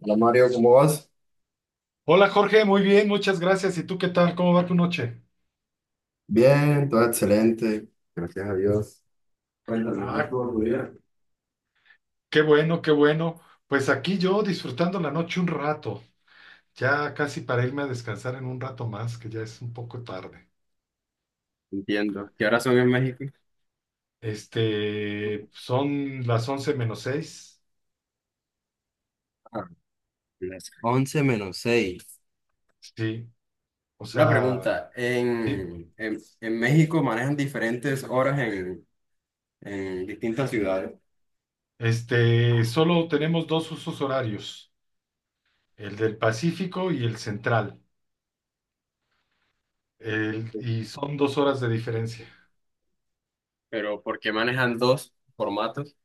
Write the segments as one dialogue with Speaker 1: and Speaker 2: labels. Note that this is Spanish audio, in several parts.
Speaker 1: Hola Mario, ¿cómo vas?
Speaker 2: Hola Jorge, muy bien, muchas gracias. ¿Y tú qué tal? ¿Cómo va tu noche?
Speaker 1: Bien, todo excelente, gracias a Dios. Cuéntame, ¿cómo
Speaker 2: Ah,
Speaker 1: estuvo tu día?
Speaker 2: qué bueno, qué bueno. Pues aquí yo disfrutando la noche un rato, ya casi para irme a descansar en un rato más, que ya es un poco tarde.
Speaker 1: Entiendo. ¿Qué horas son en México?
Speaker 2: Son las once menos seis.
Speaker 1: Ah, las 11 menos 6.
Speaker 2: Sí, o
Speaker 1: Una
Speaker 2: sea,
Speaker 1: pregunta.
Speaker 2: sí.
Speaker 1: En México manejan diferentes horas en distintas ciudades,
Speaker 2: Solo tenemos dos usos horarios, el del Pacífico y el central, y son 2 horas de diferencia.
Speaker 1: pero ¿por qué manejan dos formatos?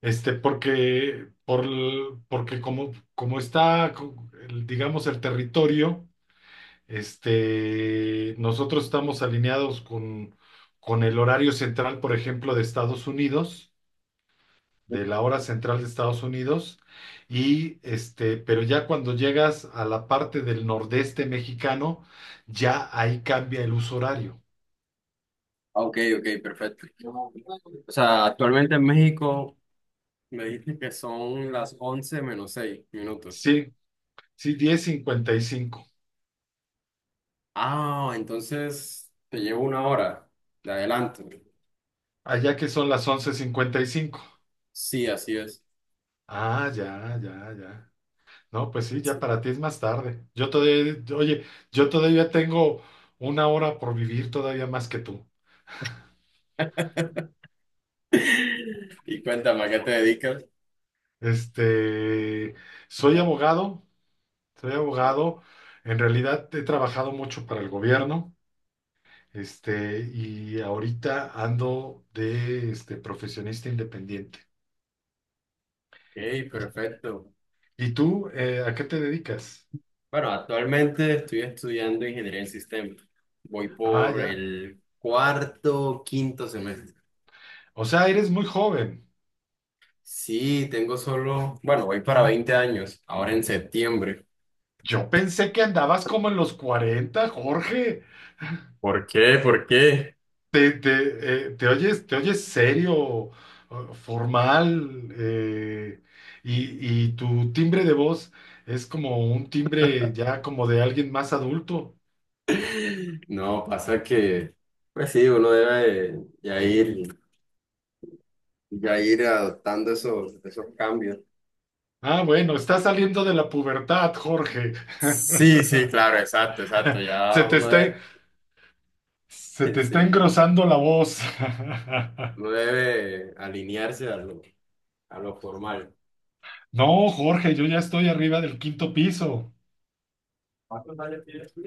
Speaker 2: Porque como está, digamos, el territorio, nosotros estamos alineados con el horario central, por ejemplo, de Estados Unidos, de la hora central de Estados Unidos, pero ya cuando llegas a la parte del nordeste mexicano, ya ahí cambia el uso horario.
Speaker 1: Ah, ok, ok, perfecto. O sea, actualmente en México me dijiste que son las 11 menos 6 minutos.
Speaker 2: Sí, sí, 10:55.
Speaker 1: Ah, entonces te llevo una hora de adelanto.
Speaker 2: Allá que son las 11:55.
Speaker 1: Sí, así es.
Speaker 2: Ah, ya, ya, ya. No, pues sí, ya
Speaker 1: Sí.
Speaker 2: para ti es más tarde. Oye, yo todavía tengo una hora por vivir todavía más que tú.
Speaker 1: Y cuéntame, ¿a qué te dedicas?
Speaker 2: Este, Soy abogado, soy
Speaker 1: Ah,
Speaker 2: abogado. En realidad he trabajado mucho para el gobierno, y ahorita ando de profesionista independiente.
Speaker 1: ok,
Speaker 2: ¿Y,
Speaker 1: perfecto.
Speaker 2: y tú, a qué te dedicas?
Speaker 1: Bueno, actualmente estoy estudiando ingeniería en sistemas. Voy
Speaker 2: Ah,
Speaker 1: por
Speaker 2: ya.
Speaker 1: el cuarto, quinto semestre.
Speaker 2: O sea, eres muy joven.
Speaker 1: Sí, tengo solo, bueno, voy para 20 años, ahora en septiembre.
Speaker 2: Yo pensé que andabas como en los 40, Jorge.
Speaker 1: ¿Por qué? ¿Por qué?
Speaker 2: ¿Te oyes serio, formal, y tu timbre de voz es como un timbre ya como de alguien más adulto?
Speaker 1: No, pasa que, pues sí, uno debe ya ir. Y ya ir adoptando esos, esos cambios.
Speaker 2: Ah, bueno, estás saliendo de la pubertad, Jorge.
Speaker 1: Sí, sí, claro, exacto, exacto. Ya
Speaker 2: Se te
Speaker 1: uno
Speaker 2: está,
Speaker 1: debe,
Speaker 2: se te está
Speaker 1: sí,
Speaker 2: engrosando la voz.
Speaker 1: uno debe alinearse a lo formal.
Speaker 2: No, Jorge, yo ya estoy arriba del quinto piso.
Speaker 1: ¿Cuántos años tienes tú?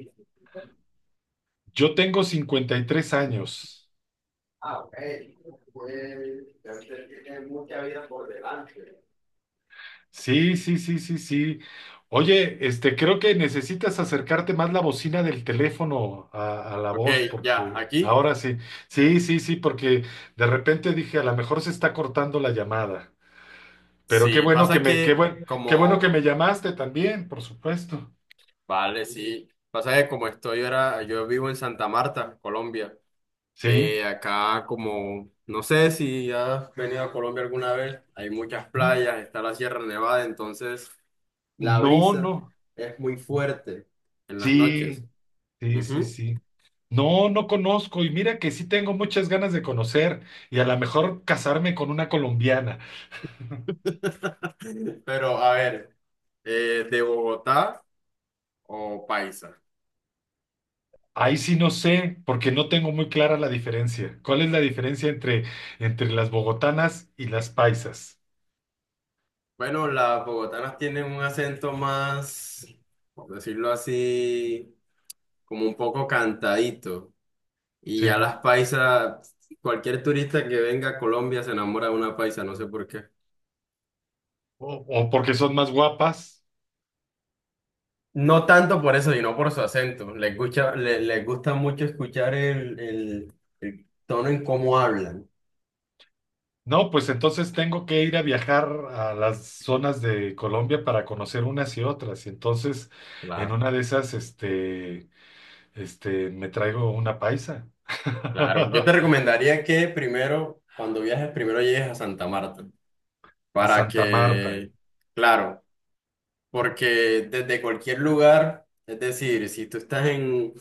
Speaker 2: Yo tengo 53 años.
Speaker 1: Ah, ok. Pues ya usted tiene mucha vida por delante.
Speaker 2: Sí, sí, sí, sí, sí. Oye, creo que necesitas acercarte más la bocina del teléfono a la
Speaker 1: Ok,
Speaker 2: voz,
Speaker 1: ya,
Speaker 2: porque
Speaker 1: aquí.
Speaker 2: ahora sí, sí, sí, sí, porque de repente dije, a lo mejor se está cortando la llamada. Pero
Speaker 1: Sí, pasa que
Speaker 2: qué bueno que
Speaker 1: como,
Speaker 2: me llamaste también, por supuesto.
Speaker 1: vale, sí, pasa que como estoy ahora, yo vivo en Santa Marta, Colombia.
Speaker 2: Sí.
Speaker 1: Acá como, no sé si has venido a Colombia alguna vez, hay muchas playas, está la Sierra Nevada, entonces la
Speaker 2: No,
Speaker 1: brisa
Speaker 2: no.
Speaker 1: es muy fuerte en las noches.
Speaker 2: Sí, sí, sí,
Speaker 1: Ujú.
Speaker 2: sí. No, no conozco, y mira que sí tengo muchas ganas de conocer, y a lo mejor casarme con una colombiana.
Speaker 1: Pero a ver, ¿de Bogotá o paisa?
Speaker 2: Ahí sí no sé, porque no tengo muy clara la diferencia. ¿Cuál es la diferencia entre las bogotanas y las paisas?
Speaker 1: Bueno, las bogotanas tienen un acento más, por decirlo así, como un poco cantadito. Y
Speaker 2: ¿Sí?
Speaker 1: ya las paisas, cualquier turista que venga a Colombia se enamora de una paisa, no sé por qué.
Speaker 2: O porque son más guapas.
Speaker 1: No tanto por eso, sino por su acento. Les gusta, les gusta mucho escuchar el tono en cómo hablan.
Speaker 2: No, pues entonces tengo que ir a viajar a las zonas de Colombia para conocer unas y otras. Y entonces, en
Speaker 1: Claro.
Speaker 2: una de esas, me traigo una paisa.
Speaker 1: Claro, yo te recomendaría que primero, cuando viajes, primero llegues a Santa Marta,
Speaker 2: A
Speaker 1: para
Speaker 2: Santa Marta.
Speaker 1: que, claro, porque desde cualquier lugar, es decir, si tú estás en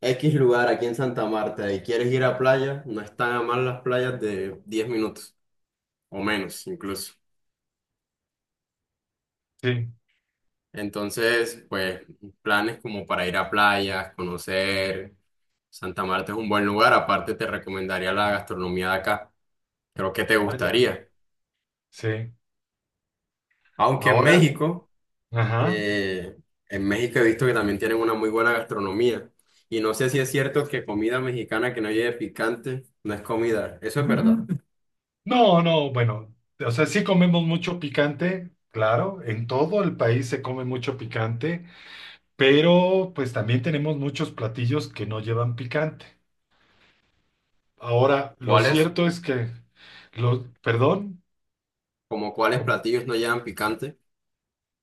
Speaker 1: X lugar aquí en Santa Marta y quieres ir a playa, no están a más las playas de 10 minutos o menos incluso.
Speaker 2: Sí,
Speaker 1: Entonces, pues, planes como para ir a playas, conocer. Santa Marta es un buen lugar. Aparte, te recomendaría la gastronomía de acá. Creo que te
Speaker 2: allá.
Speaker 1: gustaría.
Speaker 2: Sí.
Speaker 1: Aunque
Speaker 2: Ahora, ajá.
Speaker 1: Eh, en México he visto que también tienen una muy buena gastronomía. Y no sé si es cierto que comida mexicana que no lleve picante no es comida. Eso es verdad. Ujú.
Speaker 2: No, no, bueno, o sea, sí comemos mucho picante, claro, en todo el país se come mucho picante, pero pues también tenemos muchos platillos que no llevan picante. Ahora, lo
Speaker 1: ¿Cuáles?
Speaker 2: cierto es que, perdón,
Speaker 1: Como cuáles
Speaker 2: ¿cómo?
Speaker 1: platillos no llevan picante.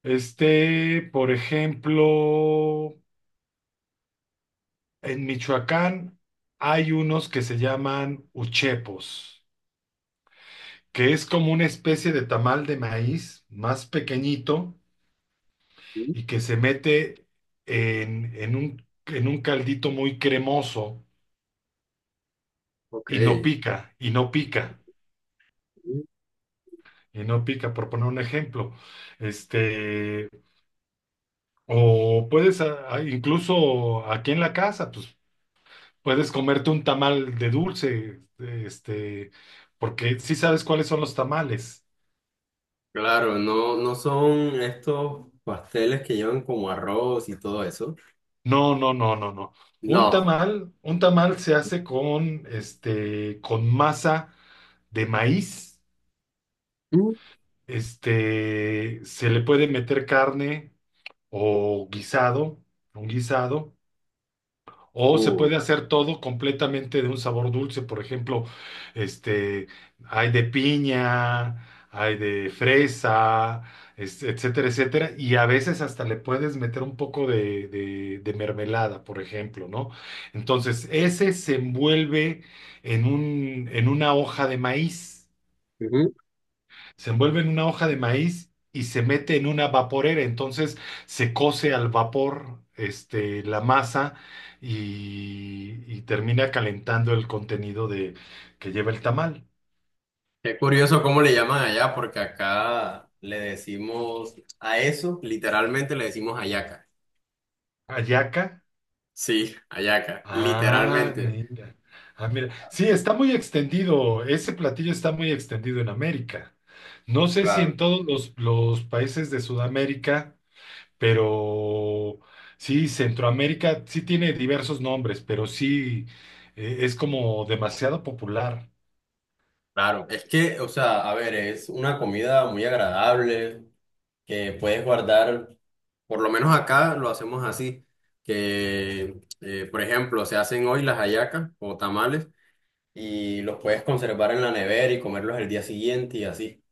Speaker 2: Por ejemplo, en Michoacán hay unos que se llaman uchepos, que es como una especie de tamal de maíz más pequeñito
Speaker 1: Mm.
Speaker 2: y que se mete en un caldito muy cremoso
Speaker 1: Ok.
Speaker 2: y no pica, y no pica, y no pica, por poner un ejemplo. Este, o puedes, a- Incluso aquí en la casa, pues puedes comerte un tamal de dulce, porque sí sabes cuáles son los tamales.
Speaker 1: Claro, no, no son estos pasteles que llevan como arroz y todo eso.
Speaker 2: No, no, no, no, no. Un
Speaker 1: No.
Speaker 2: tamal, un tamal se hace con masa de maíz.
Speaker 1: Mm.
Speaker 2: Se le puede meter carne o guisado, un guisado, o se
Speaker 1: Uh,
Speaker 2: puede hacer todo completamente de un sabor dulce. Por ejemplo, este, hay de piña, hay de fresa, etcétera, etcétera. Y a veces hasta le puedes meter un poco de mermelada, por ejemplo, ¿no? Entonces, ese se envuelve en un, en una hoja de maíz
Speaker 1: ujú.
Speaker 2: se envuelve en una hoja de maíz y se mete en una vaporera. Entonces se cose al vapor, la masa y termina calentando el contenido que lleva el tamal.
Speaker 1: Qué curioso cómo le llaman allá, porque acá le decimos a eso, literalmente le decimos hallaca.
Speaker 2: Hallaca.
Speaker 1: Sí, hallaca,
Speaker 2: Ah,
Speaker 1: literalmente.
Speaker 2: mira. Ah, mira. Sí, está muy extendido. Ese platillo está muy extendido en América. No sé si en
Speaker 1: Claro.
Speaker 2: todos los países de Sudamérica. Pero sí, Centroamérica sí tiene diversos nombres, pero sí, es como demasiado popular.
Speaker 1: Claro, es que, o sea, a ver, es una comida muy agradable que puedes guardar, por lo menos acá lo hacemos así, que, por ejemplo, se hacen hoy las hallacas o tamales y los puedes conservar en la nevera y comerlos el día siguiente y así.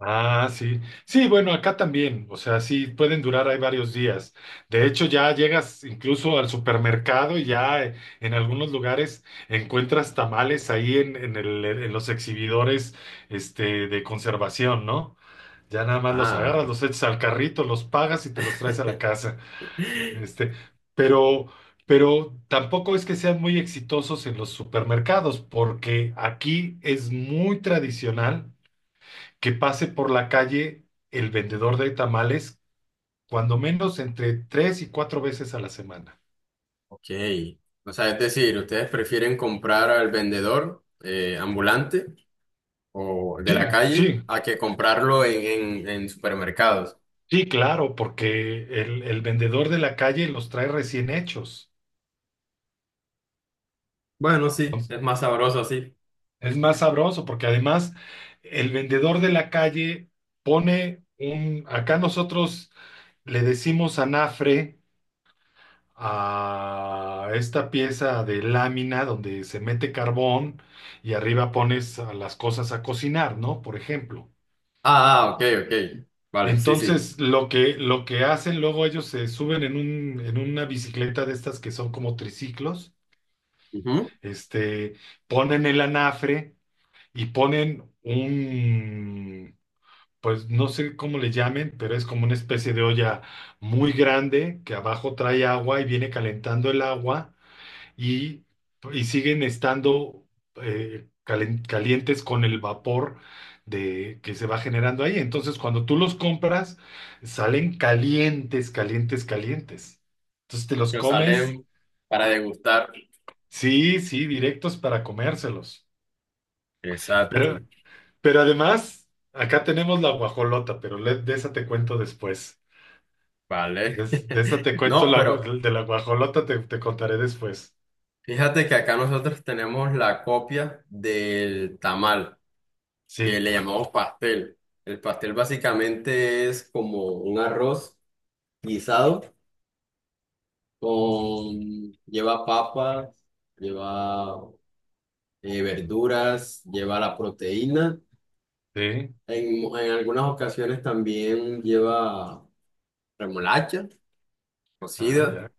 Speaker 2: Ah, sí. Sí, bueno, acá también. O sea, sí, pueden durar ahí varios días. De hecho, ya llegas incluso al supermercado y ya, en algunos lugares encuentras tamales ahí en los exhibidores, de conservación, ¿no? Ya nada más los
Speaker 1: Ah,
Speaker 2: agarras, los echas al carrito, los pagas y te los traes a la casa. Este, pero, pero tampoco es que sean muy exitosos en los supermercados, porque aquí es muy tradicional que pase por la calle el vendedor de tamales, cuando menos entre 3 y 4 veces a la semana.
Speaker 1: ok. O sea, es decir, ¿ustedes prefieren comprar al vendedor ambulante o de
Speaker 2: Sí,
Speaker 1: la calle
Speaker 2: sí,
Speaker 1: a que comprarlo en, en supermercados?
Speaker 2: sí, claro, porque el vendedor de la calle los trae recién hechos.
Speaker 1: Bueno, sí, es más sabroso así.
Speaker 2: Es más sabroso porque además el vendedor de la calle Acá nosotros le decimos anafre a esta pieza de lámina donde se mete carbón y arriba pones a las cosas a cocinar, ¿no? Por ejemplo.
Speaker 1: Ah, ah, ok, ok. Vale, sí, sí.
Speaker 2: Entonces, lo que hacen luego ellos se suben en una bicicleta de estas que son como triciclos,
Speaker 1: Ujú.
Speaker 2: este, ponen el anafre y ponen un, pues no sé cómo le llamen, pero es como una especie de olla muy grande que abajo trae agua y viene calentando el agua y, y siguen estando, calientes con el vapor que se va generando ahí. Entonces, cuando tú los compras, salen calientes, calientes, calientes. Entonces, te los
Speaker 1: Que
Speaker 2: comes,
Speaker 1: salen para degustar.
Speaker 2: sí, sí, directos para comérselos.
Speaker 1: Exacto.
Speaker 2: Pero, pero además, acá tenemos la guajolota, de esa te cuento después. De,
Speaker 1: Vale.
Speaker 2: es- de esa te cuento
Speaker 1: No,
Speaker 2: la,
Speaker 1: pero
Speaker 2: gu- De la guajolota te contaré después.
Speaker 1: fíjate que acá nosotros tenemos la copia del tamal, que
Speaker 2: Sí,
Speaker 1: le llamamos pastel. El pastel básicamente es como un arroz guisado con, lleva papas, lleva verduras, lleva la proteína.
Speaker 2: sí.
Speaker 1: En algunas ocasiones también lleva remolacha
Speaker 2: Ah,
Speaker 1: cocida
Speaker 2: ya.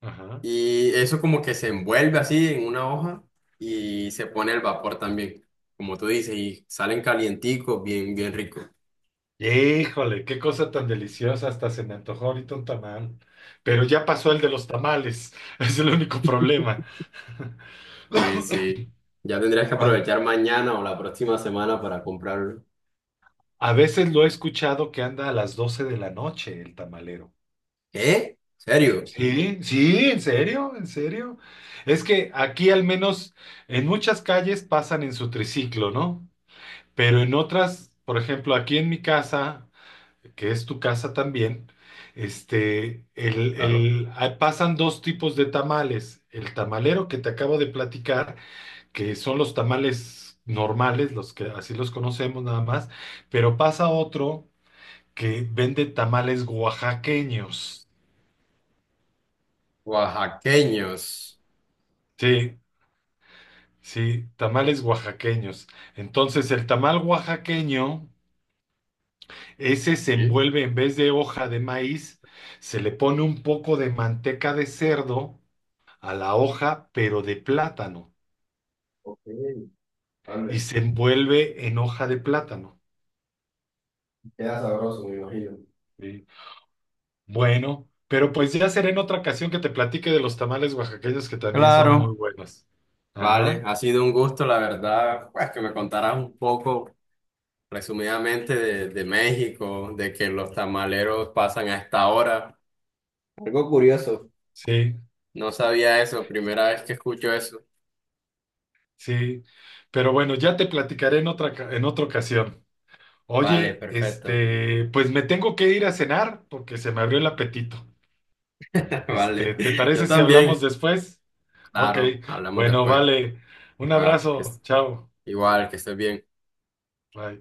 Speaker 2: Ajá.
Speaker 1: y eso como que se envuelve así en una hoja y se pone al vapor también, como tú dices, y salen calienticos, bien, bien ricos.
Speaker 2: Híjole, qué cosa tan deliciosa. Hasta se me antojó ahorita un tamal. Pero ya pasó el de los tamales. Es el único problema.
Speaker 1: Sí, sí. Ya tendrías que
Speaker 2: A
Speaker 1: aprovechar mañana o la próxima semana para comprarlo.
Speaker 2: a veces lo he escuchado que anda a las 12 de la noche el tamalero.
Speaker 1: ¿Qué? ¿Serio?
Speaker 2: Sí, sí, en serio, en serio. Es que aquí al menos en muchas calles pasan en su triciclo, ¿no? Pero en otras, por ejemplo, aquí en mi casa, que es tu casa también,
Speaker 1: Claro.
Speaker 2: pasan dos tipos de tamales. El tamalero que te acabo de platicar, que son los tamales normales, los que así los conocemos nada más, pero pasa otro que vende tamales oaxaqueños.
Speaker 1: Oaxaqueños.
Speaker 2: Sí, sí, tamales oaxaqueños. Entonces, el tamal oaxaqueño, ese se
Speaker 1: Sí.
Speaker 2: envuelve en vez de hoja de maíz, se le pone un poco de manteca de cerdo a la hoja, pero de plátano, y se envuelve en hoja de plátano.
Speaker 1: Queda sabroso, me imagino.
Speaker 2: ¿Sí? Bueno, pero pues ya será en otra ocasión que te platique de los tamales oaxaqueños que también son muy
Speaker 1: Claro.
Speaker 2: buenos.
Speaker 1: Vale,
Speaker 2: Ajá,
Speaker 1: ha sido un gusto, la verdad, pues que me contaras un poco resumidamente de México, de que los tamaleros pasan a esta hora. Algo curioso.
Speaker 2: sí,
Speaker 1: No sabía eso, primera vez que escucho eso.
Speaker 2: sí. Pero bueno, ya te platicaré en otra ocasión.
Speaker 1: Vale,
Speaker 2: Oye,
Speaker 1: perfecto.
Speaker 2: pues me tengo que ir a cenar porque se me abrió el apetito.
Speaker 1: Vale,
Speaker 2: ¿Te
Speaker 1: yo
Speaker 2: parece si hablamos
Speaker 1: también.
Speaker 2: después? Ok,
Speaker 1: Claro, hablamos
Speaker 2: bueno,
Speaker 1: después.
Speaker 2: vale. Un
Speaker 1: Ah, que
Speaker 2: abrazo, chao,
Speaker 1: Igual, que estés bien.
Speaker 2: bye.